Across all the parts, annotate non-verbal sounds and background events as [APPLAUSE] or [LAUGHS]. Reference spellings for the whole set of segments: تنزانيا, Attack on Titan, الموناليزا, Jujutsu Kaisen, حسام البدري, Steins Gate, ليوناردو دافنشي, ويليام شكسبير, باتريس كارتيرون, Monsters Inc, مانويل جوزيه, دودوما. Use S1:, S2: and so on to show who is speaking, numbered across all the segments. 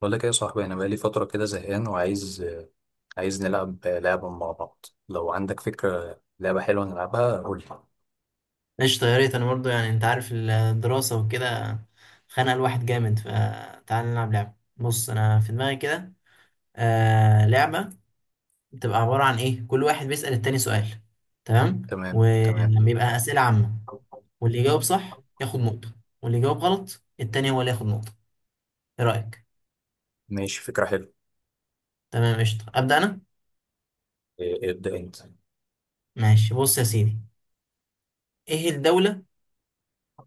S1: بقول لك ايه يا صاحبي، انا بقالي فتره كده زهقان وعايز نلعب لعبه مع بعض. لو عندك فكره لعبه حلوه نلعبها قول لي.
S2: قشطة، يا ريت. أنا برضه يعني أنت عارف الدراسة وكده خانق الواحد جامد. فتعال نلعب لعبة. بص أنا في دماغي كده لعبة بتبقى عبارة عن إيه. كل واحد بيسأل التاني سؤال، تمام؟
S1: تمام، تمام.
S2: ولما يبقى أسئلة عامة، واللي يجاوب صح ياخد نقطة، واللي يجاوب غلط التاني هو اللي ياخد نقطة. إيه رأيك؟
S1: ماشي، فكره حلوه.
S2: تمام قشطة. أبدأ أنا؟
S1: إيه، ابدا انت.
S2: ماشي، بص يا سيدي، إيه الدولة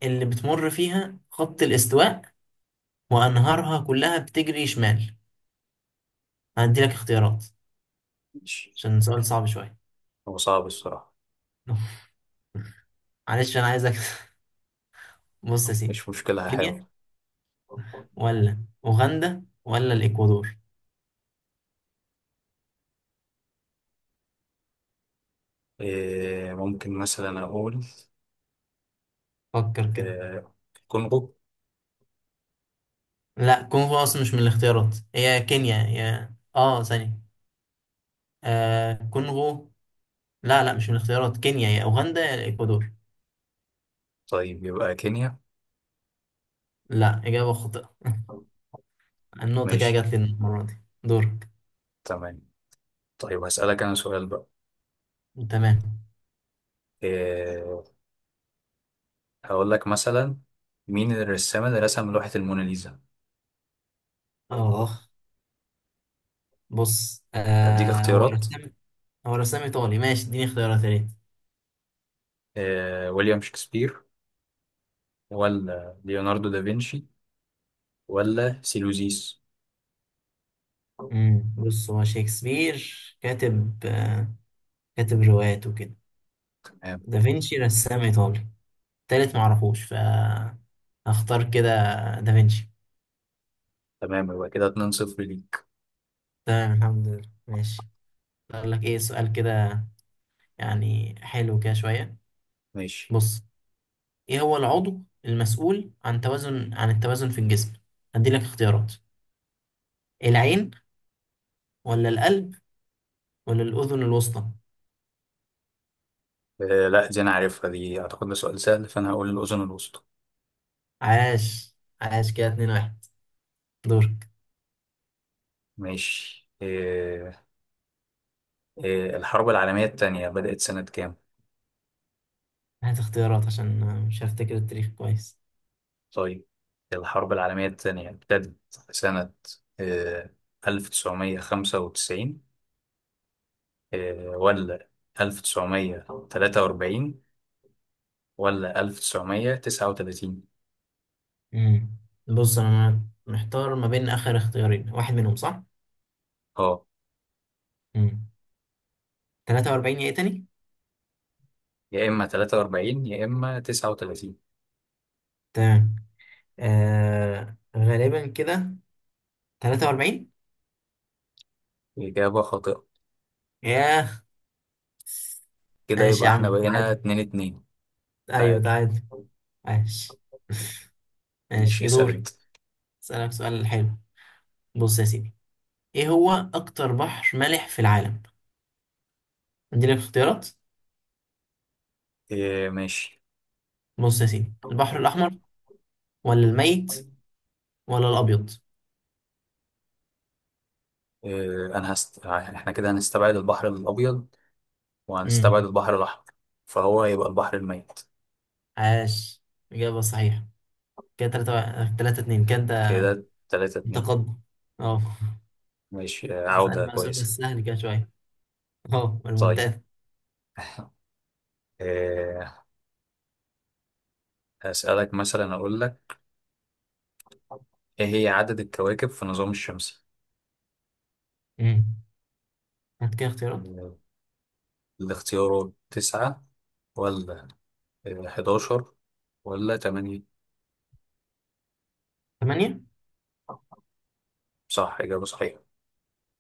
S2: اللي بتمر فيها خط الاستواء وأنهارها كلها بتجري شمال؟ هديلك اختيارات
S1: ماشي.
S2: عشان سؤال صعب شوية.
S1: هو صعب الصراحه.
S2: [LAUGHS] معلش، انا عايزك. [LAUGHS] بص يا سيدي،
S1: مش مشكله، هحاول.
S2: كينيا ولا اوغندا ولا الاكوادور؟
S1: إيه، ممكن مثلا اقول،
S2: فكر كده.
S1: إيه، كونغو.
S2: لا، كونغو اصلا مش من الاختيارات، هي كينيا يا ثانية. آه كونغو؟ لا، مش من الاختيارات، كينيا يا اوغندا يا الاكوادور.
S1: طيب يبقى كينيا.
S2: لا، اجابة خاطئة. [LAUGHS] النقطة كده جات
S1: ماشي.
S2: لي المرة دي. دورك.
S1: تمام. طيب هسألك انا سؤال بقى.
S2: تمام.
S1: إيه، هقول لك مثلا، مين الرسام اللي رسم لوحة الموناليزا؟
S2: اه بص،
S1: أديك
S2: هو
S1: اختيارات.
S2: رسام، هو رسام ايطالي. ماشي، اديني اختيارات يا ريت.
S1: ويليام شكسبير، ولا ليوناردو دافنشي، ولا سيلوزيس.
S2: بص، هو شكسبير كاتب، كاتب روايات وكده.
S1: تمام.
S2: دافنشي رسام ايطالي. تالت معرفوش، ف هختار كده دافنشي.
S1: تمام، يبقى كده 2-0 ليك.
S2: تمام، الحمد لله. ماشي، اقول لك ايه سؤال كده يعني حلو كده شويه.
S1: ماشي.
S2: بص، ايه هو العضو المسؤول عن توازن عن التوازن في الجسم؟ هدي لك اختيارات: العين ولا القلب ولا الاذن الوسطى؟
S1: آه لا، دي انا عارفها، دي اعتقد ده سؤال سهل، فانا هقول الاذن الوسطى.
S2: عاش، عاش. كده اتنين واحد. دورك.
S1: ماشي. آه. الحرب العالمية الثانية بدأت سنة كام؟
S2: هات اختيارات عشان مش هفتكر التاريخ كويس.
S1: طيب، الحرب العالمية الثانية ابتدت سنة، آه 1995، آه، ولا 1943، ولا 1939.
S2: امم بص، انا محتار ما بين اخر اختيارين، واحد منهم صح.
S1: اه.
S2: مم. 43 ايه تاني؟
S1: يا إما 43، يا إما 39.
S2: تمام، آه غالبا كده 43.
S1: إجابة خاطئة.
S2: ياه.
S1: كده
S2: ماشي
S1: يبقى
S2: يا عم،
S1: إحنا بقينا
S2: تعادل.
S1: 2-2.
S2: ايوه
S1: تعادل.
S2: تعادل. ماشي
S1: ماشي،
S2: ماشي،
S1: اسأل
S2: دوري.
S1: أنت.
S2: اسألك سؤال حلو. بص يا سيدي، ايه هو اكتر بحر مالح في العالم؟ عندي لك اختيارات.
S1: إيه، ماشي.
S2: بص يا سيدي، البحر الاحمر ولا الميت ولا الابيض؟
S1: إيه، إحنا كده هنستبعد البحر الأبيض، وهنستبعد
S2: امم
S1: البحر الأحمر، فهو هيبقى البحر الميت.
S2: عاش، اجابة صحيحة. كده 3 3 2، كده انت
S1: كده 3-2.
S2: متقدم، اه.
S1: ماشي.
S2: اسأل
S1: عودة
S2: بقى سؤال بس
S1: كويسة.
S2: سهل كده شوية، اه،
S1: طيب،
S2: الممتاز.
S1: إيه، هسألك مثلا، أقول لك، إيه هي عدد الكواكب في النظام الشمسي؟
S2: امم هات كده اختيارات.
S1: آه، الاختيارات 9، ولا 11، ولا 8.
S2: ثمانية.
S1: صح، إجابة صحيحة.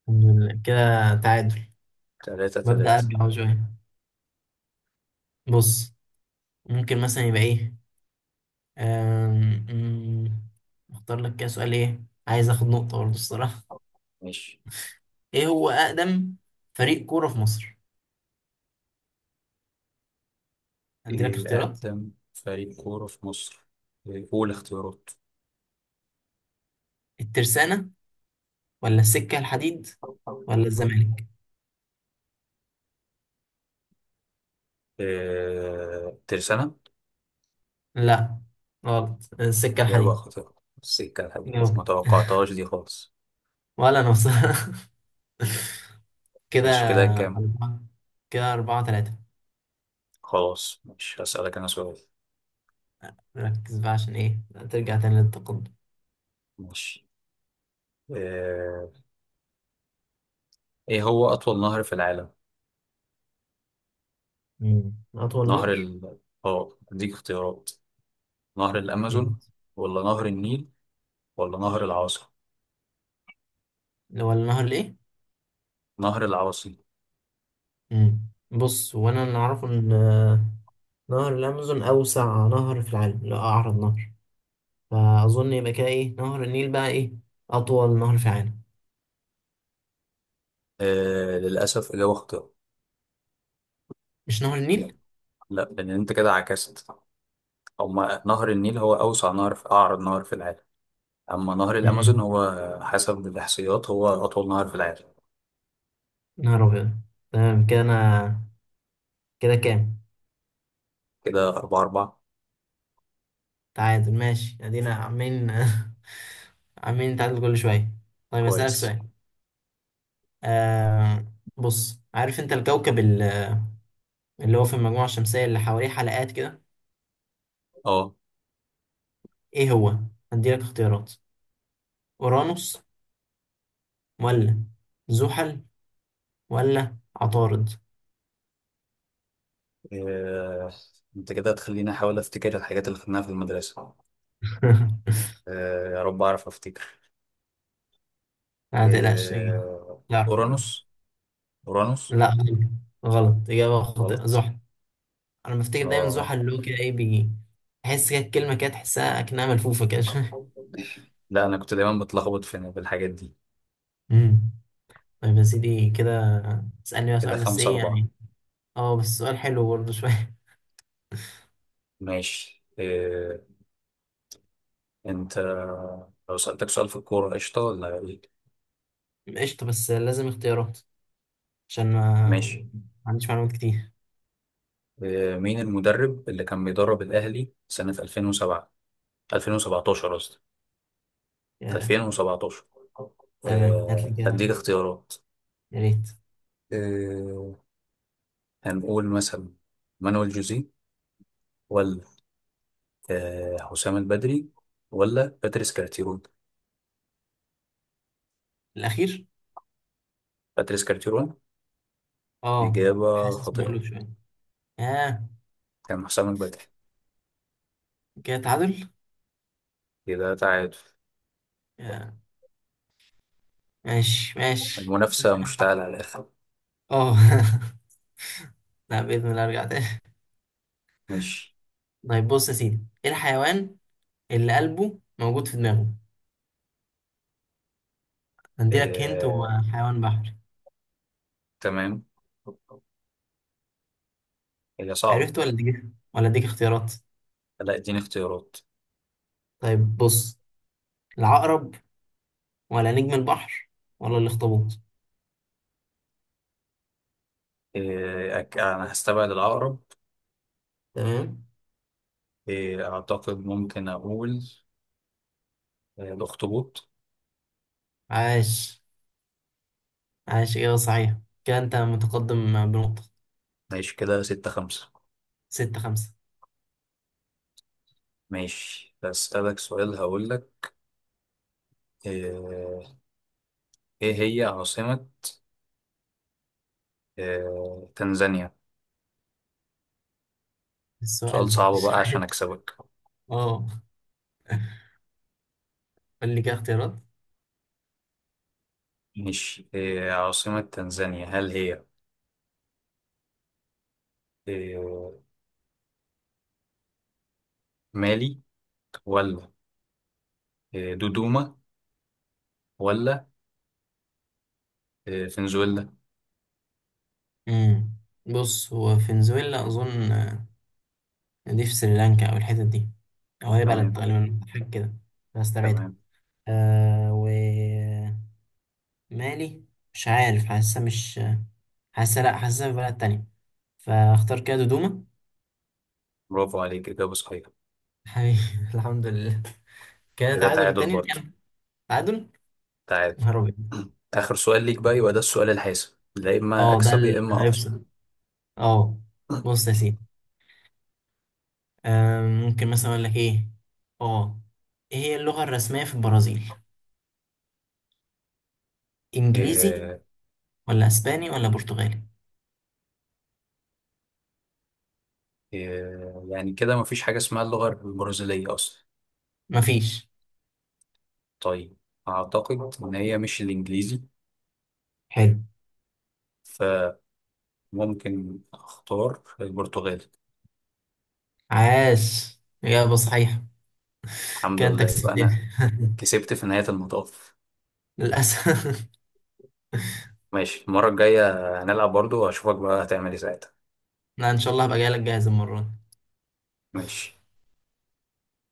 S2: كده تعادل.
S1: تلاتة
S2: ببدأ
S1: تلاتة
S2: أرجع أهو شوية. بص، ممكن مثلا يبقى إيه، أم، أم، أختار لك كده سؤال. إيه، عايز آخد نقطة برضه الصراحة.
S1: ماشي.
S2: إيه هو أقدم فريق كورة في مصر؟ عندي لك
S1: إيه
S2: اختيارات:
S1: أقدم فريق كورة في مصر؟ إيه، قول اختيارات.
S2: الترسانة ولا السكة الحديد ولا الزمالك؟
S1: إيه، ترسانة.
S2: لا، غلط، السكة
S1: إجابة
S2: الحديد.
S1: خاطئة. السكة الحديد ما
S2: جاوبت. [LAUGHS]
S1: توقعتهاش دي خالص.
S2: ولا أنا بصراحة. [LAUGHS] كده
S1: ماشي، كده كام؟
S2: أربعة، كده أربعة تلاتة.
S1: خلاص، مش هسألك أنا سؤال.
S2: ركز بقى عشان ايه ترجع تاني للتقدم.
S1: ماشي. إيه إيه هو أطول نهر في العالم؟
S2: أطول
S1: نهر
S2: نهر.
S1: ال آه أديك اختيارات. نهر الأمازون،
S2: جامد.
S1: ولا نهر النيل، ولا نهر العاصي؟
S2: اللي هو النهر الايه؟
S1: نهر العاصي.
S2: مم. بص، وانا اللي اعرفه ان نهر الامازون اوسع نهر في العالم، لا اعرض نهر، فاظن يبقى كده ايه، نهر النيل بقى ايه اطول نهر في العالم.
S1: إيه، للأسف إجابة خاطئة.
S2: مش نهر النيل؟
S1: لا، لان انت كده عكست. هما نهر النيل هو اوسع نهر في، اعرض نهر في العالم. اما نهر الامازون
S2: مم.
S1: هو، حسب الاحصائيات، هو اطول نهر في العالم.
S2: نهر ابيض. تمام كده انا. كده كام؟
S1: كده 4-4.
S2: تعادل. ماشي، ادينا عاملين [LAUGHS] عاملين نتعادل كل شويه. طيب اسالك
S1: كويس.
S2: سؤال. آه، بص، عارف انت الكوكب اللي هو في المجموعة الشمسية اللي حواليه حلقات كده،
S1: اه.
S2: ايه هو؟ هديلك اختيارات: اورانوس ولا زحل ولا عطارد؟
S1: إيه، انت كده هتخليني احاول افتكر الحاجات اللي خدناها في المدرسة.
S2: [LAUGHS]
S1: إيه، يا رب اعرف افتكر.
S2: ما تقلقش،
S1: إيه،
S2: تعرف.
S1: اورانوس، اورانوس.
S2: لا غلط، غلط، إجابة خاطئة،
S1: غلط.
S2: زحل. أنا بفتكر دايما
S1: اه.
S2: زحل اللي هو كده إيه، بيجي تحس كده الكلمة كده تحسها أكنها ملفوفة كده [LAUGHS] شوية.
S1: لا، انا كنت دايما بتلخبط بالحاجات دي.
S2: أمم. طيب يا سيدي، كده تسألني بقى
S1: كده
S2: سؤال بس
S1: خمسة
S2: إيه
S1: أربعة
S2: يعني أه بس سؤال حلو برضه شوية.
S1: ماشي، إيه، انت، لو سألتك سؤال في الكورة قشطة ولا ايه؟
S2: [LAUGHS] قشطة بس لازم اختيارات عشان ما
S1: ماشي.
S2: ما عنديش معلومات كتير.
S1: مين المدرب اللي كان بيدرب الأهلي سنة 2007، 2017 قصدي، 2017.
S2: تمام، هات لي كده،
S1: هديك اختيارات.
S2: يا ريت.
S1: آه، هنقول مثلا مانويل جوزيه، ولا حسام البدري، ولا باتريس كارتيرون.
S2: الأخير.
S1: باتريس كارتيرون.
S2: اه،
S1: إجابة
S2: حاسس مقلوب
S1: خاطئة.
S2: شوية، اه.
S1: كان حسام البدري.
S2: كده تعادل.
S1: كده تعادل.
S2: آه. ماشي ماشي.
S1: المنافسة مشتعلة على الآخر.
S2: اه. [LAUGHS] لا، بإذن الله أرجع تاني.
S1: ماشي.
S2: طيب بص يا سيدي، إيه الحيوان اللي قلبه موجود في دماغه؟ هنديلك، هنت هو
S1: آه،
S2: حيوان بحري.
S1: تمام. هي صعبة.
S2: عرفت ولا أديك، ولا أديك اختيارات؟
S1: لا، اديني اختيارات.
S2: طيب بص: العقرب ولا نجم البحر ولا الأخطبوط؟
S1: إيه، أنا هستبعد العقرب.
S2: تمام.
S1: إيه، أعتقد ممكن أقول الأخطبوط.
S2: عاش، عاش، إجابة صحيحة. كده أنت متقدم بنقطة،
S1: ماشي، كده 6-5.
S2: ستة خمسة.
S1: ماشي، هسألك سؤال، هقول لك، إيه... إيه هي عاصمة تنزانيا. سؤال
S2: السؤال [LAUGHS] ده
S1: صعب
S2: مش
S1: بقى عشان
S2: عارف،
S1: أكسبك.
S2: اه. قول لي كده اختيارات.
S1: ماشي، إيه عاصمة تنزانيا، هل هي إيه... مالي، ولا دودوما، ولا فنزويلا؟
S2: امم بص، هو فنزويلا اظن، دي في سريلانكا او الحتت دي، او هي بلد
S1: تمام.
S2: غالبا حاجه كده، هستبعدها.
S1: تمام.
S2: آه، ومالي مش عارف، حاسه لا حاسه في بلد تانية، فاختار كده دودوما.
S1: برافو عليك، إجابة صحيحة.
S2: حبيبي. [LAUGHS] الحمد لله، كده
S1: كده
S2: تعادل
S1: تعادل
S2: تاني
S1: برضه.
S2: كده. تعادل.
S1: تعال.
S2: نهار ابيض.
S1: آخر سؤال ليك بقى، يبقى ده السؤال الحاسم، لا إما
S2: اه، ده
S1: أكسب يا
S2: اللي
S1: إما أخسر.
S2: هيفصل، اه. بص يا سيدي، ممكن مثلا اقول لك ايه، اه، ايه هي اللغة الرسمية في البرازيل؟ انجليزي
S1: إيه.
S2: ولا اسباني ولا برتغالي؟
S1: إيه يعني كده، مفيش حاجة اسمها اللغة البرازيلية أصلا.
S2: مفيش.
S1: طيب. أعتقد إن هي مش الإنجليزي،
S2: حلو.
S1: فممكن أختار البرتغالي.
S2: عاش، اجابة صحيحة.
S1: الحمد
S2: كده انت
S1: لله، يبقى أنا
S2: كسبتني. [LAUGHS]
S1: كسبت في نهاية المطاف.
S2: للاسف.
S1: ماشي، المرة الجاية هنلعب برضو، وأشوفك بقى هتعمل إيه ساعتها.
S2: لا، ان شاء الله هبقى جاي لك جاهز المرة دي.
S1: ماشي.